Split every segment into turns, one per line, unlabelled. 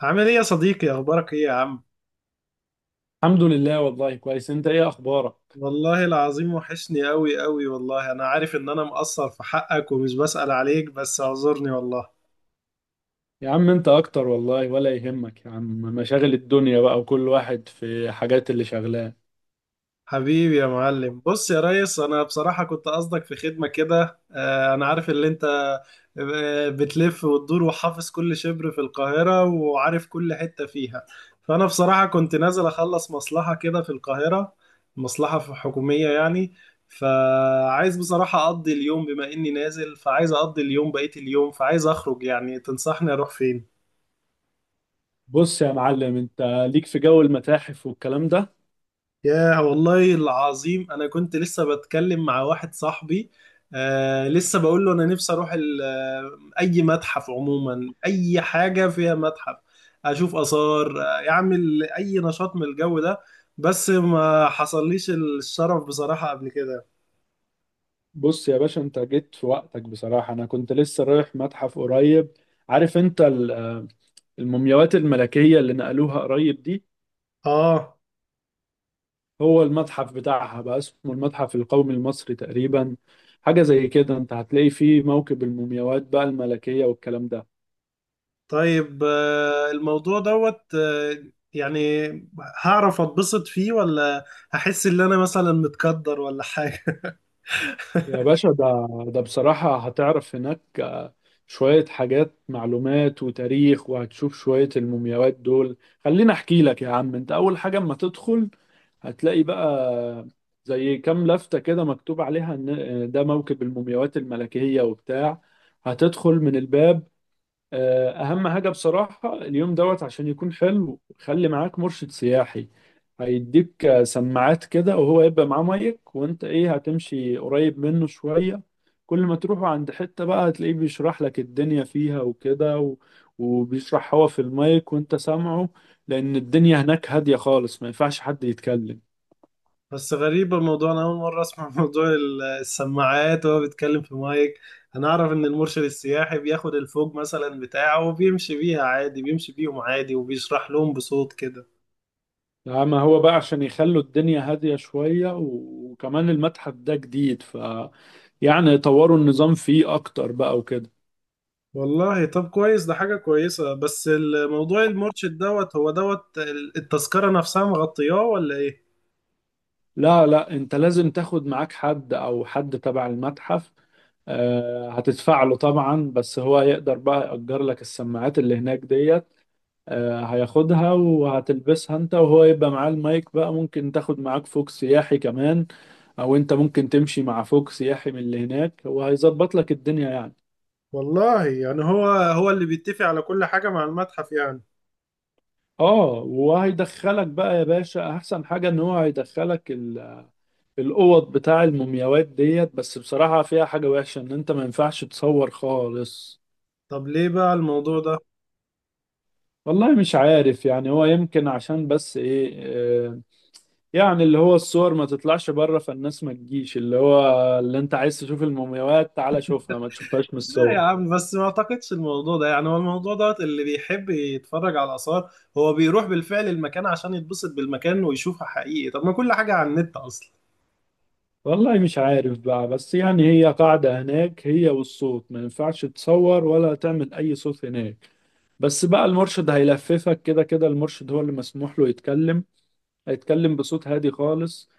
عامل ايه يا صديقي؟ اخبارك ايه يا عم؟
الحمد لله. والله كويس. انت ايه اخبارك؟
والله العظيم وحشني قوي قوي والله. انا عارف ان انا مقصر في حقك ومش بسأل عليك، بس اعذرني والله.
يا عم انت اكتر والله، ولا يهمك يا عم. مشاغل الدنيا بقى، وكل واحد في حاجات اللي شغلاه.
حبيبي يا معلم. بص يا ريس، انا بصراحة كنت قصدك في خدمة كده. انا عارف اللي انت بتلف وتدور وحافظ كل شبر في القاهرة وعارف كل حتة فيها. فانا بصراحة كنت نازل اخلص مصلحة كده في القاهرة. مصلحة حكومية يعني. فعايز بصراحة اقضي اليوم، بما اني نازل، فعايز اقضي اليوم بقية اليوم، فعايز اخرج. يعني تنصحني اروح فين؟
بص يا معلم، انت ليك في جو المتاحف والكلام ده.
يا والله العظيم انا كنت لسه بتكلم مع واحد صاحبي. آه، لسه بقول له انا نفسي اروح اي متحف عموما، اي حاجه فيها متحف اشوف اثار. يعمل اي نشاط من الجو ده، بس ما حصليش الشرف بصراحه قبل كده.
بص يا باشا، انت جيت في وقتك بصراحة. انا كنت لسه رايح متحف قريب. عارف انت المومياوات الملكية اللي نقلوها قريب دي.
اه.
هو المتحف بتاعها بقى اسمه المتحف القومي المصري تقريبا. حاجة زي كده، انت هتلاقي فيه موكب المومياوات بقى الملكية والكلام ده.
طيب، الموضوع دوت، يعني هعرف اتبسط فيه ولا هحس ان انا مثلا متقدر ولا حاجه؟
يا باشا ده بصراحة هتعرف هناك شوية حاجات، معلومات وتاريخ، وهتشوف شوية المومياوات دول. خليني أحكي لك يا عم. أنت أول حاجة أما تدخل هتلاقي بقى زي كام لفتة كده مكتوب عليها إن ده موكب المومياوات الملكية وبتاع. هتدخل من الباب. اهم حاجه بصراحه اليوم دوت عشان يكون حلو، خلي معاك مرشد سياحي. هيديك سماعات كده، وهو يبقى معاه مايك، وانت ايه هتمشي قريب منه شويه. كل ما تروحوا عند حته بقى هتلاقيه بيشرح لك الدنيا فيها وكده وبيشرح هو في المايك وانت سامعه. لان الدنيا هناك هاديه خالص، ما ينفعش حد يتكلم.
بس غريبة الموضوع، أنا أول مرة أسمع موضوع السماعات وهو بيتكلم في مايك. أنا أعرف إن المرشد السياحي بياخد الفوج مثلا بتاعه، وبيمشي بيها عادي بيمشي بيهم عادي وبيشرح لهم بصوت كده.
اما هو بقى عشان يخلوا الدنيا هاديه شويه وكمان المتحف ده جديد يعني يطوروا النظام فيه اكتر بقى وكده.
والله طب كويس، ده حاجة كويسة. بس الموضوع المرشد دوت، هو دوت التذكرة نفسها مغطياه ولا إيه؟
لا لا، انت لازم تاخد معاك حد او حد تبع المتحف. هتدفع له طبعا، بس هو يقدر بقى يأجر لك السماعات اللي هناك ديت. هياخدها وهتلبسها انت، وهو يبقى معاه المايك بقى. ممكن تاخد معاك فوق سياحي كمان، او انت ممكن تمشي مع فوق سياحي من اللي هناك، وهيظبط لك الدنيا يعني.
والله يعني، هو اللي بيتفق على كل حاجة مع المتحف يعني.
اه وهيدخلك بقى يا باشا، احسن حاجة ان هو هيدخلك الاوض بتاع المومياوات ديت. بس بصراحة فيها حاجة وحشة، ان انت ما ينفعش تصور خالص.
طب ليه بقى الموضوع ده؟
والله مش عارف، يعني هو يمكن عشان بس ايه، آه، يعني اللي هو الصور ما تطلعش بره فالناس ما تجيش. اللي هو اللي انت عايز تشوف المومياوات تعالى شوفها، ما تشوفهاش من
لا يا
الصور.
عم، بس ما اعتقدش الموضوع ده. يعني هو الموضوع دوت، اللي بيحب يتفرج على آثار هو بيروح بالفعل المكان عشان يتبسط بالمكان ويشوفها حقيقي. طب ما كل حاجة على النت أصلا.
والله مش عارف بقى، بس يعني هي قاعدة هناك هي، والصوت ما ينفعش تصور ولا تعمل أي صوت هناك. بس بقى المرشد هيلففك كده كده، المرشد هو اللي مسموح له يتكلم. هيتكلم بصوت هادي خالص.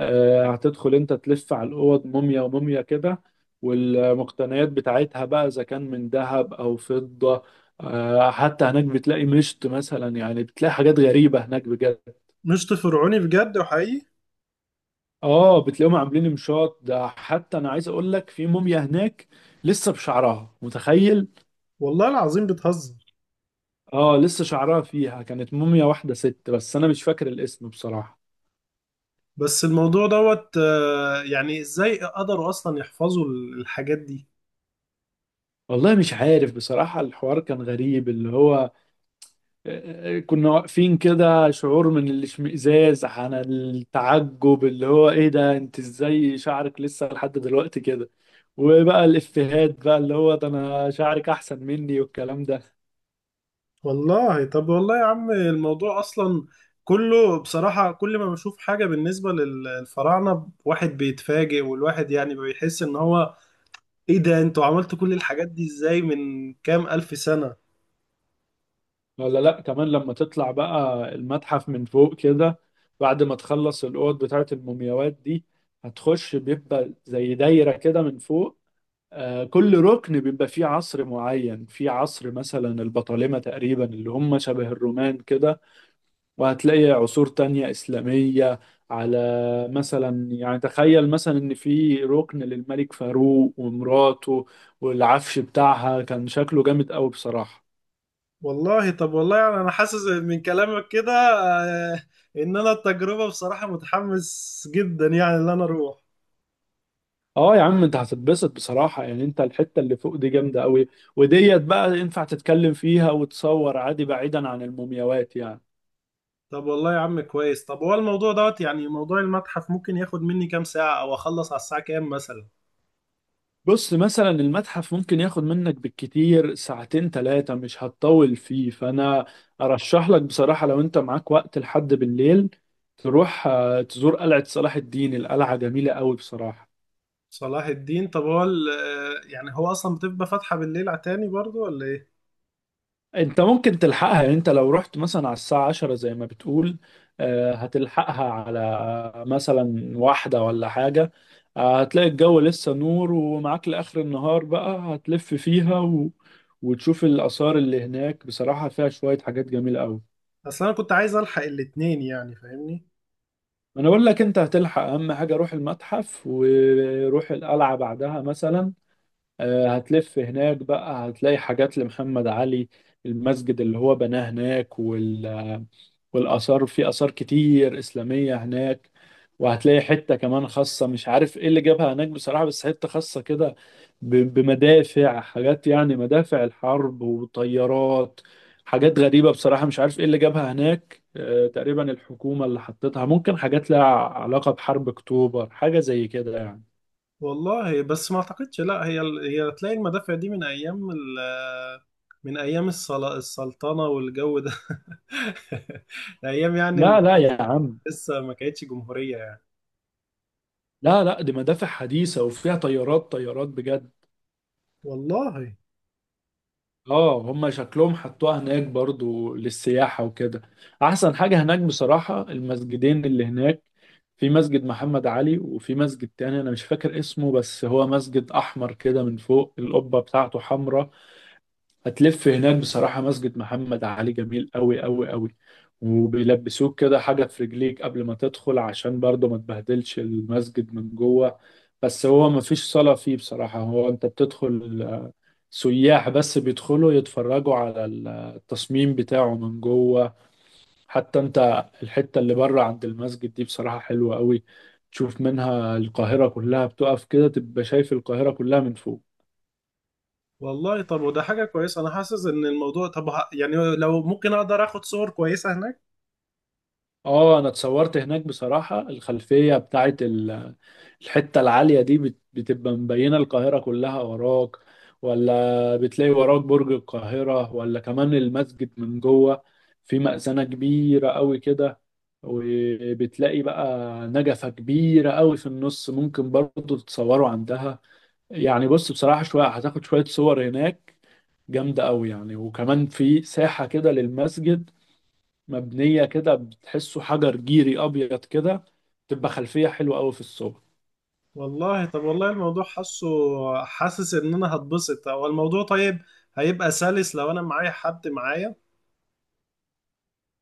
هتدخل انت تلف على الاوض، موميا وموميا كده، والمقتنيات بتاعتها بقى اذا كان من ذهب او فضة. حتى هناك بتلاقي مشط مثلا، يعني بتلاقي حاجات غريبة هناك بجد.
مش فرعوني بجد وحقيقي؟
اه بتلاقيهم عاملين مشاط ده. حتى انا عايز اقول لك، في موميا هناك لسه بشعرها، متخيل!
والله العظيم بتهزر!
اه لسه شعرها فيها. كانت موميا واحدة ست، بس انا مش فاكر الاسم بصراحة.
بس الموضوع دوت، يعني ازاي قدروا أصلا يحفظوا الحاجات دي؟
والله مش عارف بصراحة. الحوار كان غريب اللي هو، كنا واقفين كده، شعور من الاشمئزاز عن التعجب اللي هو ايه ده، انت ازاي شعرك لسه لحد دلوقتي كده؟ وبقى الافيهات بقى اللي هو ده انا شعرك احسن مني والكلام ده.
والله طب، والله يا عم الموضوع أصلا كله بصراحة، كل ما بشوف حاجة بالنسبة للفراعنة واحد بيتفاجئ. والواحد يعني بيحس إن هو ايه ده، انتوا عملتوا كل الحاجات دي ازاي من كام الف سنة؟
ولا لا، كمان لما تطلع بقى المتحف من فوق كده، بعد ما تخلص الاوض بتاعت المومياوات دي، هتخش بيبقى زي دايرة كده من فوق. كل ركن بيبقى فيه عصر معين. في عصر مثلا البطالمة تقريبا، اللي هم شبه الرومان كده، وهتلاقي عصور تانية إسلامية. على، مثلا يعني تخيل مثلا إن في ركن للملك فاروق ومراته، والعفش بتاعها كان شكله جامد قوي بصراحة.
والله طب، والله يعني انا حاسس من كلامك كده، آه، ان انا التجربة بصراحة متحمس جدا يعني ان انا اروح.
اه يا عم، انت هتتبسط بصراحة. يعني انت الحتة اللي فوق دي جامدة قوي، وديت بقى ينفع تتكلم فيها وتصور عادي، بعيدا عن المومياوات يعني.
طب والله يا عم كويس. طب هو الموضوع دوت، يعني موضوع المتحف ممكن ياخد مني كام ساعة، او اخلص على الساعة كام مثلا؟
بص مثلا، المتحف ممكن ياخد منك بالكتير ساعتين ثلاثة، مش هتطول فيه. فأنا أرشح لك بصراحة لو أنت معاك وقت لحد بالليل، تروح تزور قلعة صلاح الدين. القلعة جميلة قوي بصراحة.
صلاح الدين، طب هو يعني هو اصلا بتبقى فاتحة بالليل على تاني برضو ولا ايه؟
انت ممكن تلحقها. يعني انت لو رحت مثلا على الساعة 10 زي ما بتقول، هتلحقها على مثلا 1 ولا حاجة. هتلاقي الجو لسه نور، ومعاك لآخر النهار بقى هتلف فيها وتشوف الآثار اللي هناك. بصراحة فيها شوية حاجات جميلة أوي.
اصلا انا كنت عايز الحق الاتنين يعني، فاهمني؟
أنا بقول لك أنت هتلحق. أهم حاجة روح المتحف وروح القلعة بعدها مثلا. هتلف هناك بقى، هتلاقي حاجات لمحمد علي، المسجد اللي هو بناه هناك والآثار في آثار كتير إسلامية هناك. وهتلاقي حتة كمان خاصة، مش عارف إيه اللي جابها هناك بصراحة، بس حتة خاصة كده بمدافع، حاجات يعني مدافع الحرب وطيارات. حاجات غريبة بصراحة، مش عارف إيه اللي جابها هناك. تقريبا الحكومة اللي حطتها، ممكن حاجات لها علاقة بحرب أكتوبر، حاجة زي كده يعني.
والله بس ما اعتقدش، لا، هي تلاقي المدافع دي من ايام السلطنه والجو ده ايام يعني
لا لا يا عم،
لسه ما كانتش جمهوريه يعني.
لا لا، دي مدافع حديثة وفيها طيارات، طيارات بجد.
والله.
اه هم شكلهم حطوها هناك برضو للسياحة وكده. احسن حاجة هناك بصراحة المسجدين اللي هناك. في مسجد محمد علي، وفي مسجد تاني انا مش فاكر اسمه، بس هو مسجد احمر كده، من فوق القبة بتاعته حمراء. هتلف هناك بصراحة، مسجد محمد علي جميل قوي قوي قوي. وبيلبسوك كده حاجة في رجليك قبل ما تدخل، عشان برضه ما تبهدلش المسجد من جوه. بس هو ما فيش صلاة فيه بصراحة. هو انت بتدخل سياح بس، بيدخلوا يتفرجوا على التصميم بتاعه من جوه. حتى انت الحتة اللي بره عند المسجد دي بصراحة حلوة قوي. تشوف منها القاهرة كلها، بتقف كده تبقى شايف القاهرة كلها من فوق.
والله طب، وده حاجه كويسه. انا حاسس ان الموضوع طب يعني لو ممكن اقدر اخد صور كويسه هناك؟
اه انا اتصورت هناك بصراحة. الخلفية بتاعت الحتة العالية دي بتبقى مبينة القاهرة كلها وراك، ولا بتلاقي وراك برج القاهرة، ولا كمان المسجد من جوه في مأذنة كبيرة قوي كده. وبتلاقي بقى نجفة كبيرة قوي في النص، ممكن برضو تتصوروا عندها يعني. بص بصراحة، شوية هتاخد شوية صور هناك جامدة قوي يعني. وكمان في ساحة كده للمسجد، مبنية كده بتحسه حجر جيري أبيض كده، تبقى خلفية حلوة أوي في الصور.
والله طب، والله الموضوع حاسس ان انا هتبسط. هو الموضوع طيب هيبقى سلس لو انا معايا حد معايا.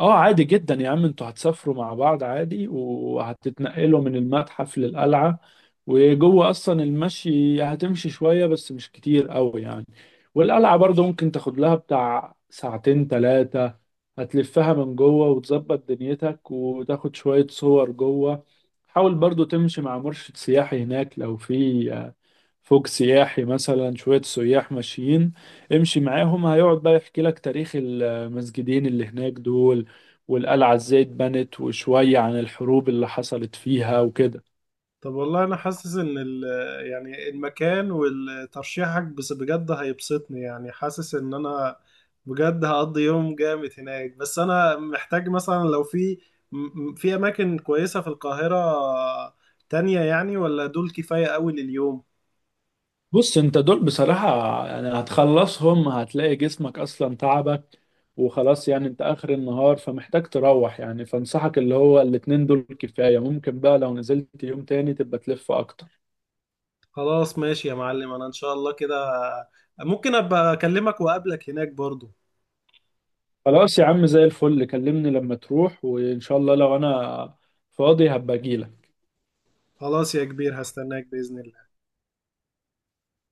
اه عادي جدا يا عم، انتوا هتسافروا مع بعض عادي، وهتتنقلوا من المتحف للقلعة. وجوه أصلا المشي هتمشي شوية بس، مش كتير أوي يعني. والقلعة برضه ممكن تاخد لها بتاع ساعتين تلاتة. هتلفها من جوه وتظبط دنيتك وتاخد شوية صور جوه. حاول برضه تمشي مع مرشد سياحي هناك، لو في فوق سياحي مثلا، شوية سياح ماشيين امشي معاهم. هيقعد بقى يحكي لك تاريخ المسجدين اللي هناك دول، والقلعة ازاي اتبنت، وشوية عن الحروب اللي حصلت فيها وكده.
طب والله انا حاسس ان يعني المكان والترشيحك بس بجد هيبسطني. يعني حاسس ان انا بجد هقضي يوم جامد هناك. بس انا محتاج مثلا، لو في في اماكن كويسة في القاهرة تانية يعني، ولا دول كفاية قوي لليوم؟
بص انت دول بصراحة يعني هتخلصهم هتلاقي جسمك اصلا تعبك، وخلاص يعني. انت اخر النهار فمحتاج تروح يعني. فانصحك اللي هو الاتنين دول كفاية، ممكن بقى لو نزلت يوم تاني تبقى تلف اكتر.
خلاص ماشي يا معلم، انا ان شاء الله كده ممكن ابقى اكلمك واقابلك هناك برضو.
خلاص يا عم، زي الفل. كلمني لما تروح، وإن شاء الله لو أنا فاضي هبقى أجيلك.
خلاص يا كبير، هستناك بإذن الله.